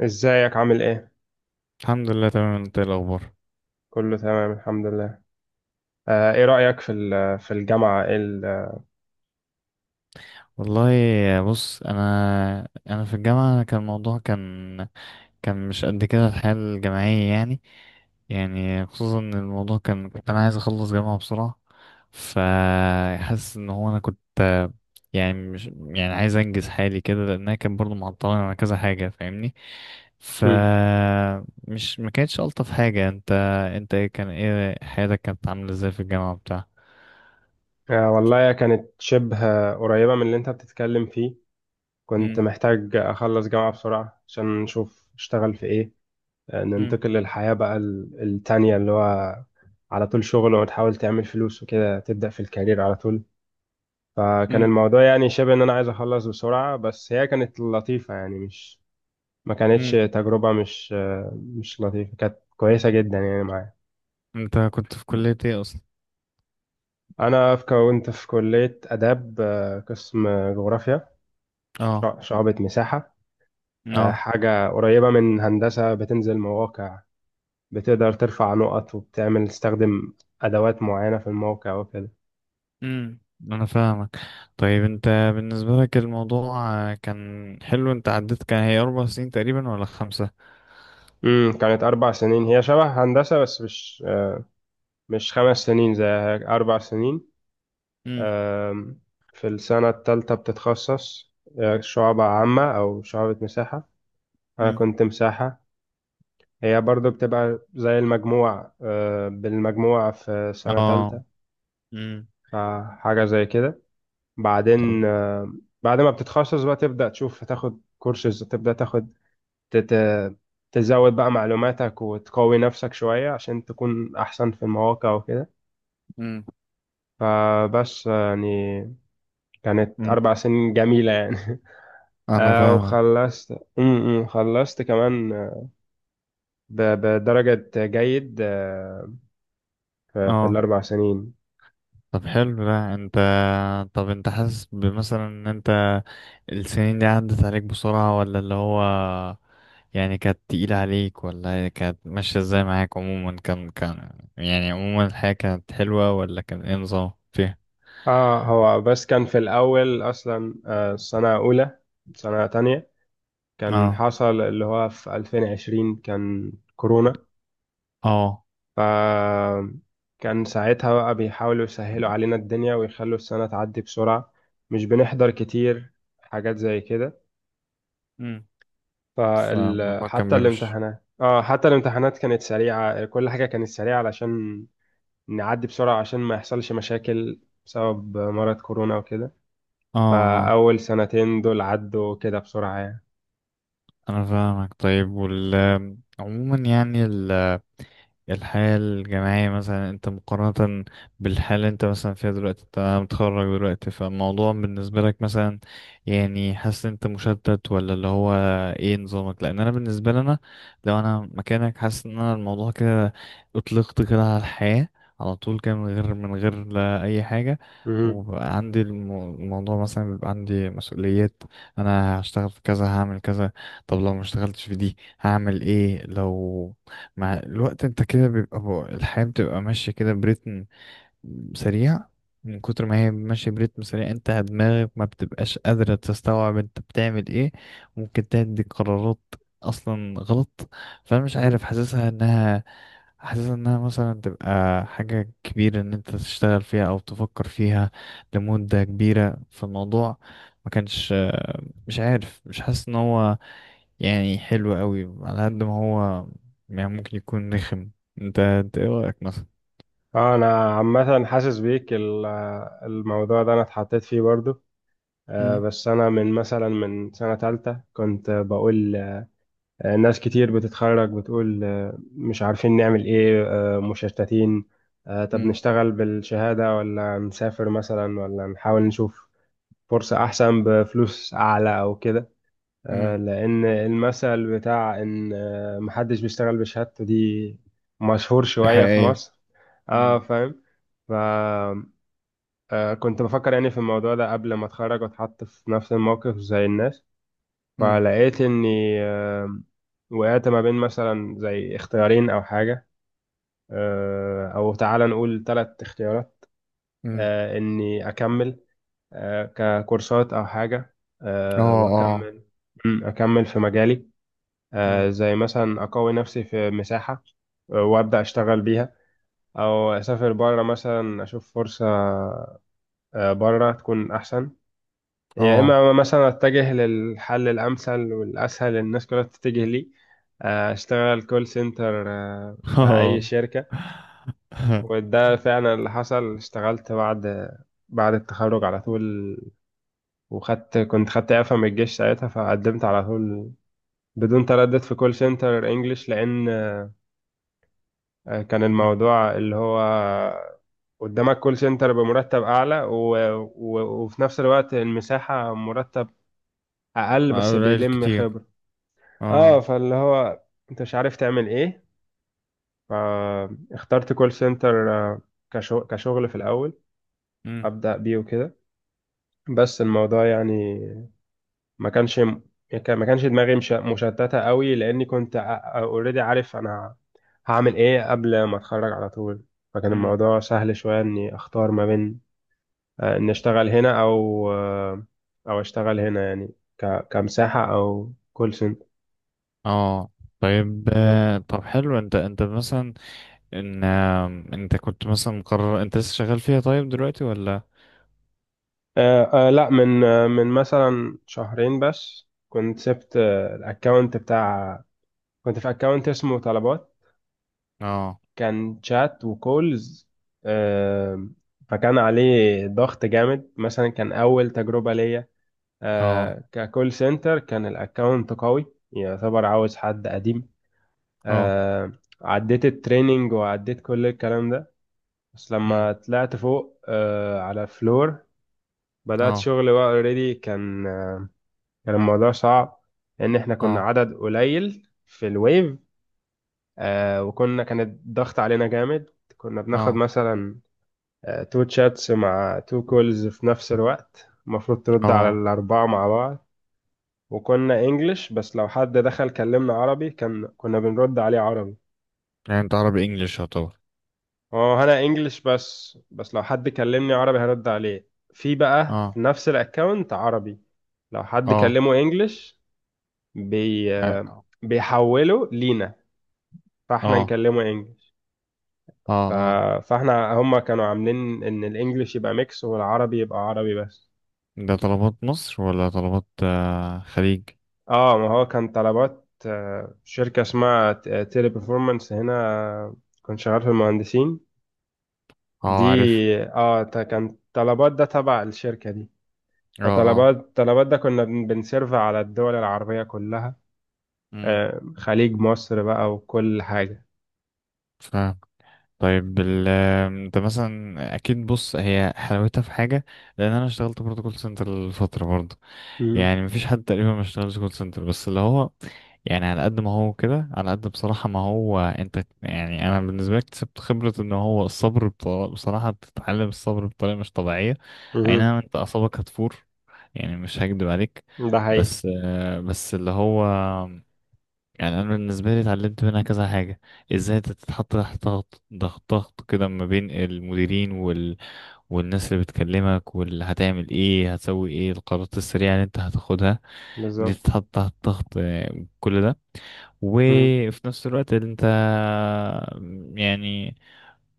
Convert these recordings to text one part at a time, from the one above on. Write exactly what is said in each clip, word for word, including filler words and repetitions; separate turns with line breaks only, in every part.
ازيك عامل ايه؟
الحمد لله، تمام. انت ايه الاخبار؟
كله تمام الحمد لله. آه ايه رأيك في ال- في الجامعة إيه ال-
والله، بص، انا انا في الجامعه كان الموضوع كان كان مش قد كده الحياه الجامعيه يعني يعني خصوصا ان الموضوع كان، كنت انا عايز اخلص جامعه بسرعه. فحاسس ان هو انا كنت يعني مش يعني عايز انجز حالي كده، لانها كان برضو معطلاني على كذا حاجه، فاهمني؟ ف
مم.
مش، ما كانتش الطف حاجه. انت، انت ايه كان ايه حياتك كانت عامله ازاي في الجامعه بتاع؟
آه والله كانت شبه قريبة من اللي انت بتتكلم فيه. كنت محتاج اخلص جامعة بسرعة عشان نشوف اشتغل في ايه. آه
امم
ننتقل للحياة بقى ال- التانية اللي هو على طول شغل وتحاول تعمل فلوس وكده تبدأ في الكارير على طول. فكان الموضوع يعني شبه ان انا عايز اخلص بسرعة، بس هي كانت لطيفة، يعني مش ما كانتش تجربة مش مش لطيفة، كانت كويسة جدا يعني معايا.
انت كنت في كلية ايه اصلا؟
أنا في كنت في كلية آداب، آه، قسم جغرافيا،
اه.
شع- شعبة مساحة. آه،
اه.
حاجة قريبة من هندسة، بتنزل مواقع، بتقدر ترفع نقط وبتعمل تستخدم أدوات معينة في الموقع وكده.
امم انا فاهمك. طيب، انت بالنسبة لك الموضوع آه، كان حلو؟ انت عديت، كان هي اربع سنين تقريبا ولا خمسة؟
امم، كانت أربع سنين، هي شبه هندسة بس مش آه، مش خمس سنين زي هيك، أربع سنين.
امم.
آم، في السنة التالتة بتتخصص، آه، شعبة عامة أو شعبة مساحة. أنا
امم.
كنت مساحة. هي برضو بتبقى زي المجموع، آه، بالمجموع في سنة
اه.
تالتة،
امم.
فحاجة زي كده.
طب.
بعدين آه، بعد ما بتتخصص بقى تبدأ تشوف تاخد كورسز، تبدأ تاخد تت- تزود بقى معلوماتك وتقوي نفسك شوية عشان تكون أحسن في المواقع وكده.
امم.
فبس آه، يعني كانت
مم.
أربع سنين جميلة يعني.
انا
آه،
فاهمك.
وخلصت، م- م، خلصت كمان، آه، ب- بدرجة جيد آه، في في
اه.
الأربع سنين.
طب حلو ده. انت، طب انت حاسس بمثلا ان انت السنين دي عدت عليك بسرعة، ولا اللي هو يعني كانت تقيلة عليك، ولا هي كانت ماشية ازاي معاك؟ عموما كان كان يعني عموما الحياة كانت حلوة، ولا كان ايه نظام فيها؟
اه، هو بس كان في الأول أصلا، آه، سنة أولى سنة تانية، كان
اه.
حصل اللي هو في ألفين وعشرين كان كورونا.
اه.
ف كان ساعتها بقى بيحاولوا يسهلوا علينا الدنيا، ويخلوا السنة تعدي بسرعة، مش بنحضر كتير، حاجات زي كده.
امم
فال
فالموضوع كان
حتى
بيمشي.
الامتحانات، اه حتى الامتحانات كانت سريعة، كل حاجة كانت سريعة علشان نعدي بسرعة عشان ما يحصلش مشاكل بسبب مرض كورونا وكده.
اه. اه.
فأول سنتين دول عدوا كده بسرعة يعني.
انا فاهمك. طيب، وال عموما، يعني الحياة الجامعية مثلا، انت مقارنة بالحالة اللي انت مثلا فيها دلوقتي، انت متخرج دلوقتي، فالموضوع بالنسبة لك مثلا، يعني حاسس ان انت مشتت، ولا اللي هو ايه نظامك؟ لان انا بالنسبة لي، انا لو انا مكانك حاسس ان انا الموضوع كده اطلقت كده على الحياة على طول كده، من غير من غير لا اي حاجة.
مهم.
وبقى عندي الم- الموضوع مثلا، بيبقى عندي مسؤوليات. انا هشتغل في كذا، هعمل كذا. طب لو ما اشتغلتش في دي هعمل ايه؟ لو مع الوقت انت كده بيبقى بو- الحياة بتبقى ماشية كده بريتم سريع. من كتر ما هي ماشية بريتم سريع انت دماغك ما بتبقاش قادرة تستوعب انت بتعمل ايه. ممكن تدي قرارات اصلا غلط. فانا مش
مهم.
عارف، حاسسها انها حاسسها انها مثلا تبقى حاجة كبيرة ان انت تشتغل فيها او تفكر فيها لمدة كبيرة في الموضوع. ما كانش، مش عارف، مش حاسس ان هو يعني حلو قوي، على قد ما هو يعني ممكن يكون رخم. انت انت ايه رأيك مثلا؟
اه، انا عامة حاسس بيك ال- الموضوع ده انا اتحطيت فيه برضو. آه،
مم.
بس انا من مثلا من سنة تالتة كنت بقول آه، ناس كتير بتتخرج بتقول آه، مش عارفين نعمل ايه، آه، مشتتين، آه، طب
مم.
نشتغل بالشهادة ولا نسافر مثلا ولا نحاول نشوف فرصة احسن بفلوس اعلى او كده. آه،
مم.
لأن المثل بتاع إن آه، محدش بيشتغل بشهادته دي مشهور
دي
شوية في
حقيقية.
مصر. اه
مم.
فاهم. ف آه، كنت بفكر يعني في الموضوع ده قبل ما اتخرج واتحط في نفس الموقف زي الناس،
مم.
فلقيت اني آه، وقعت ما بين مثلا زي اختيارين او حاجة، آه، او تعالى نقول ثلاث اختيارات.
مم.
آه، اني اكمل آه، ككورسات او حاجة،
اه.
آه،
اه.
واكمل مم، اكمل في مجالي،
مم.
آه، زي مثلا أقوي نفسي في مساحة، آه، وأبدأ أشتغل بيها، أو أسافر بره مثلا أشوف فرصة آه، بره تكون أحسن، يا
اه.
إما مثلا أتجه للحل الأمثل والأسهل الناس كلها تتجه ليه، آه، أشتغل كول سنتر في أي
اه.
شركة. وده فعلا اللي حصل، اشتغلت بعد بعد التخرج على طول، وخدت كنت خدت إعفاء من الجيش ساعتها، فقدمت على طول بدون تردد في كول سنتر انجلش، لان آه، كان
مم.
الموضوع اللي هو قدامك كول سنتر بمرتب أعلى، و... و... وفي نفس الوقت المساحة مرتب أقل بس
قليل
بيلم
كتير.
خبرة. اه،
اه.
فاللي هو انت مش عارف تعمل ايه، فاخترت كول سنتر، آه، كشغ... كشغل في الأول
مم.
أبدأ بيه وكده. بس الموضوع يعني ما كانش ما كانش دماغي مش... مشتتة قوي لأني كنت اوريدي عارف أنا هعمل ايه قبل ما اتخرج على طول. فكان
مم.
الموضوع سهل شوية اني اختار ما بين آه، إني أشتغل هنا أو آه، أو أشتغل هنا، يعني ك- كمساحة أو كول سنتر.
اه. طيب،
بالظبط.
آه، طب حلو. انت انت مثلا، ان آم، انت كنت مثلا مقرر، انت لسه شغال فيها طيب دلوقتي، ولا؟
آه، آه، لا، من آه، من مثلا شهرين بس كنت سبت آه، الأكاونت بتاع، كنت في أكاونت اسمه طلبات،
اه.
كان شات وكولز. آه، فكان عليه ضغط جامد، مثلا كان أول تجربة ليا
اه.
آه، ككول سنتر، كان الأكاونت قوي، يعتبر عاوز حد قديم.
اه.
آه، عديت التريننج وعديت كل الكلام ده، بس
امم.
لما طلعت فوق آه على الفلور بدأت
اه.
شغل بقى اوريدي، كان آه، كان الموضوع صعب لأن احنا كنا
اه.
عدد قليل في الويف. آه، وكنا كان الضغط علينا جامد، كنا بناخد
اه.
مثلا تو تشاتس مع تو كولز في نفس الوقت، المفروض ترد على
اه.
الأربعة مع بعض. وكنا انجلش بس لو حد دخل كلمنا عربي كان كنا بنرد عليه عربي.
يعني انت عربي انجليش يعتبر؟
اه انا انجلش بس بس لو حد كلمني عربي هرد عليه. في بقى
اه.
في نفس الاكونت عربي، لو حد
اه.
كلمه انجلش بي
اه.
بيحوله لينا، فاحنا
اه.
نكلمه انجلش. ف...
اه.
فاحنا هم كانوا عاملين ان الانجليش يبقى ميكس والعربي يبقى عربي بس.
ده طلبات مصر، ولا طلبات آه، خليج؟
اه، ما هو كان طلبات، آه، شركة اسمها تيلي performance هنا، آه، كنت شغال في المهندسين دي.
اه، عارف.
اه، تا- كان طلبات ده تبع الشركة دي.
اه. اه.
فطلبات طلبات ده كنا بن- بنسيرف على الدول العربية كلها،
امم.
آه، خليج مصر بقى وكل حاجة.
فاهم. طيب، ال- آم، انت مثلا اكيد بص، هي حلاوتها في حاجة، لان انا اشتغلت برضه كول سنتر لفتره برضه.
مهم.
يعني مفيش حد تقريبا ما اشتغلش كول سنتر، بس اللي هو يعني على قد ما هو كده، على قد بصراحة ما هو انت يعني، انا بالنسبة لي اكتسبت خبرة ان هو الصبر بطريقة. بصراحة بتتعلم الصبر بطريقة مش طبيعية. اي
مهم.
نعم انت اعصابك هتفور، يعني مش هكدب عليك.
ده حقيقي.
بس آه، بس اللي هو يعني انا بالنسبة لي اتعلمت منها كذا حاجة. ازاي انت تتحط تحت ضغط ضغط ضغط كده، ما بين المديرين وال... والناس اللي بتكلمك، واللي هتعمل ايه، هتسوي ايه، القرارات السريعة اللي انت هتاخدها،
بالظبط.
بتتحط تحت ضغط، كل ده.
مهم.
وفي نفس الوقت انت، يعني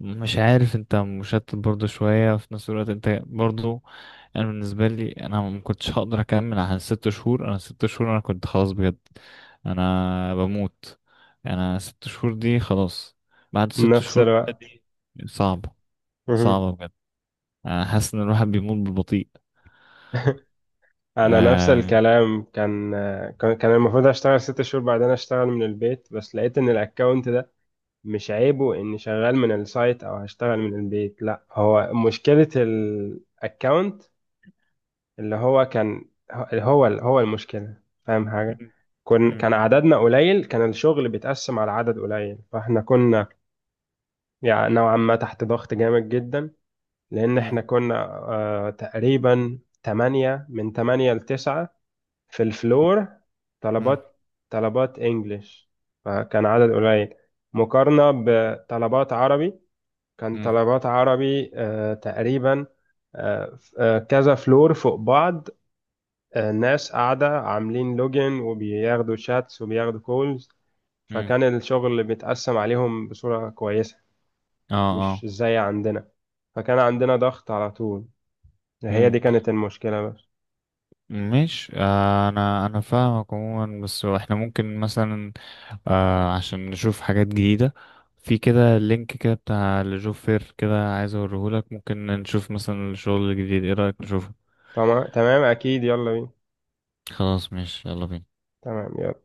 مش عارف، انت مشتت برضه شوية. في نفس الوقت انت برضه، انا بالنسبة لي، انا ما كنتش هقدر اكمل عن ست شهور. انا ست شهور انا كنت خلاص بجد، انا بموت. انا ست شهور دي خلاص. بعد ست
نفس
شهور بقى
الوقت.
دي صعبة.
مهم.
صعبة بجد. انا حاسس ان الواحد بيموت بالبطيء.
أنا نفس
آه.
الكلام، كان آه، كان كان المفروض أشتغل ست شهور بعدين أشتغل من البيت، بس لقيت إن الأكاونت ده مش عيبه إني شغال من السايت أو هشتغل من البيت، لأ هو مشكلة الأكاونت اللي هو كان هو هو المشكلة. فاهم حاجة؟
مم.
كن
مم.
كان عددنا قليل، كان الشغل بيتقسم على عدد قليل، فاحنا كنا يعني نوعا ما تحت ضغط جامد جدا. لأن
مم.
احنا كنا آه تقريبا تمانية، من تمانية لتسعة في الفلور،
مم.
طلبات، طلبات انجليش، فكان عدد قليل مقارنة بطلبات عربي. كان
مم.
طلبات عربي آه تقريبا آه، آه، كذا فلور فوق بعض، الناس قاعدة عاملين لوجن وبياخدوا شاتس وبياخدوا كولز،
مم.
فكان الشغل متقسم عليهم بصورة كويسة، مش
اه.
زي عندنا. فكان عندنا ضغط على طول، هي
مم.
دي كانت المشكلة بس.
مش آه، انا انا فاهمك عموما. بس احنا ممكن مثلا آه عشان نشوف حاجات جديدة في كده، لينك كده بتاع لجوب فير كده، عايز اوريهولك. ممكن نشوف مثلا الشغل الجديد، ايه رأيك نشوفه؟
تمام تمام، أكيد يلا بينا.
خلاص ماشي، يلا بينا.
تمام يلا.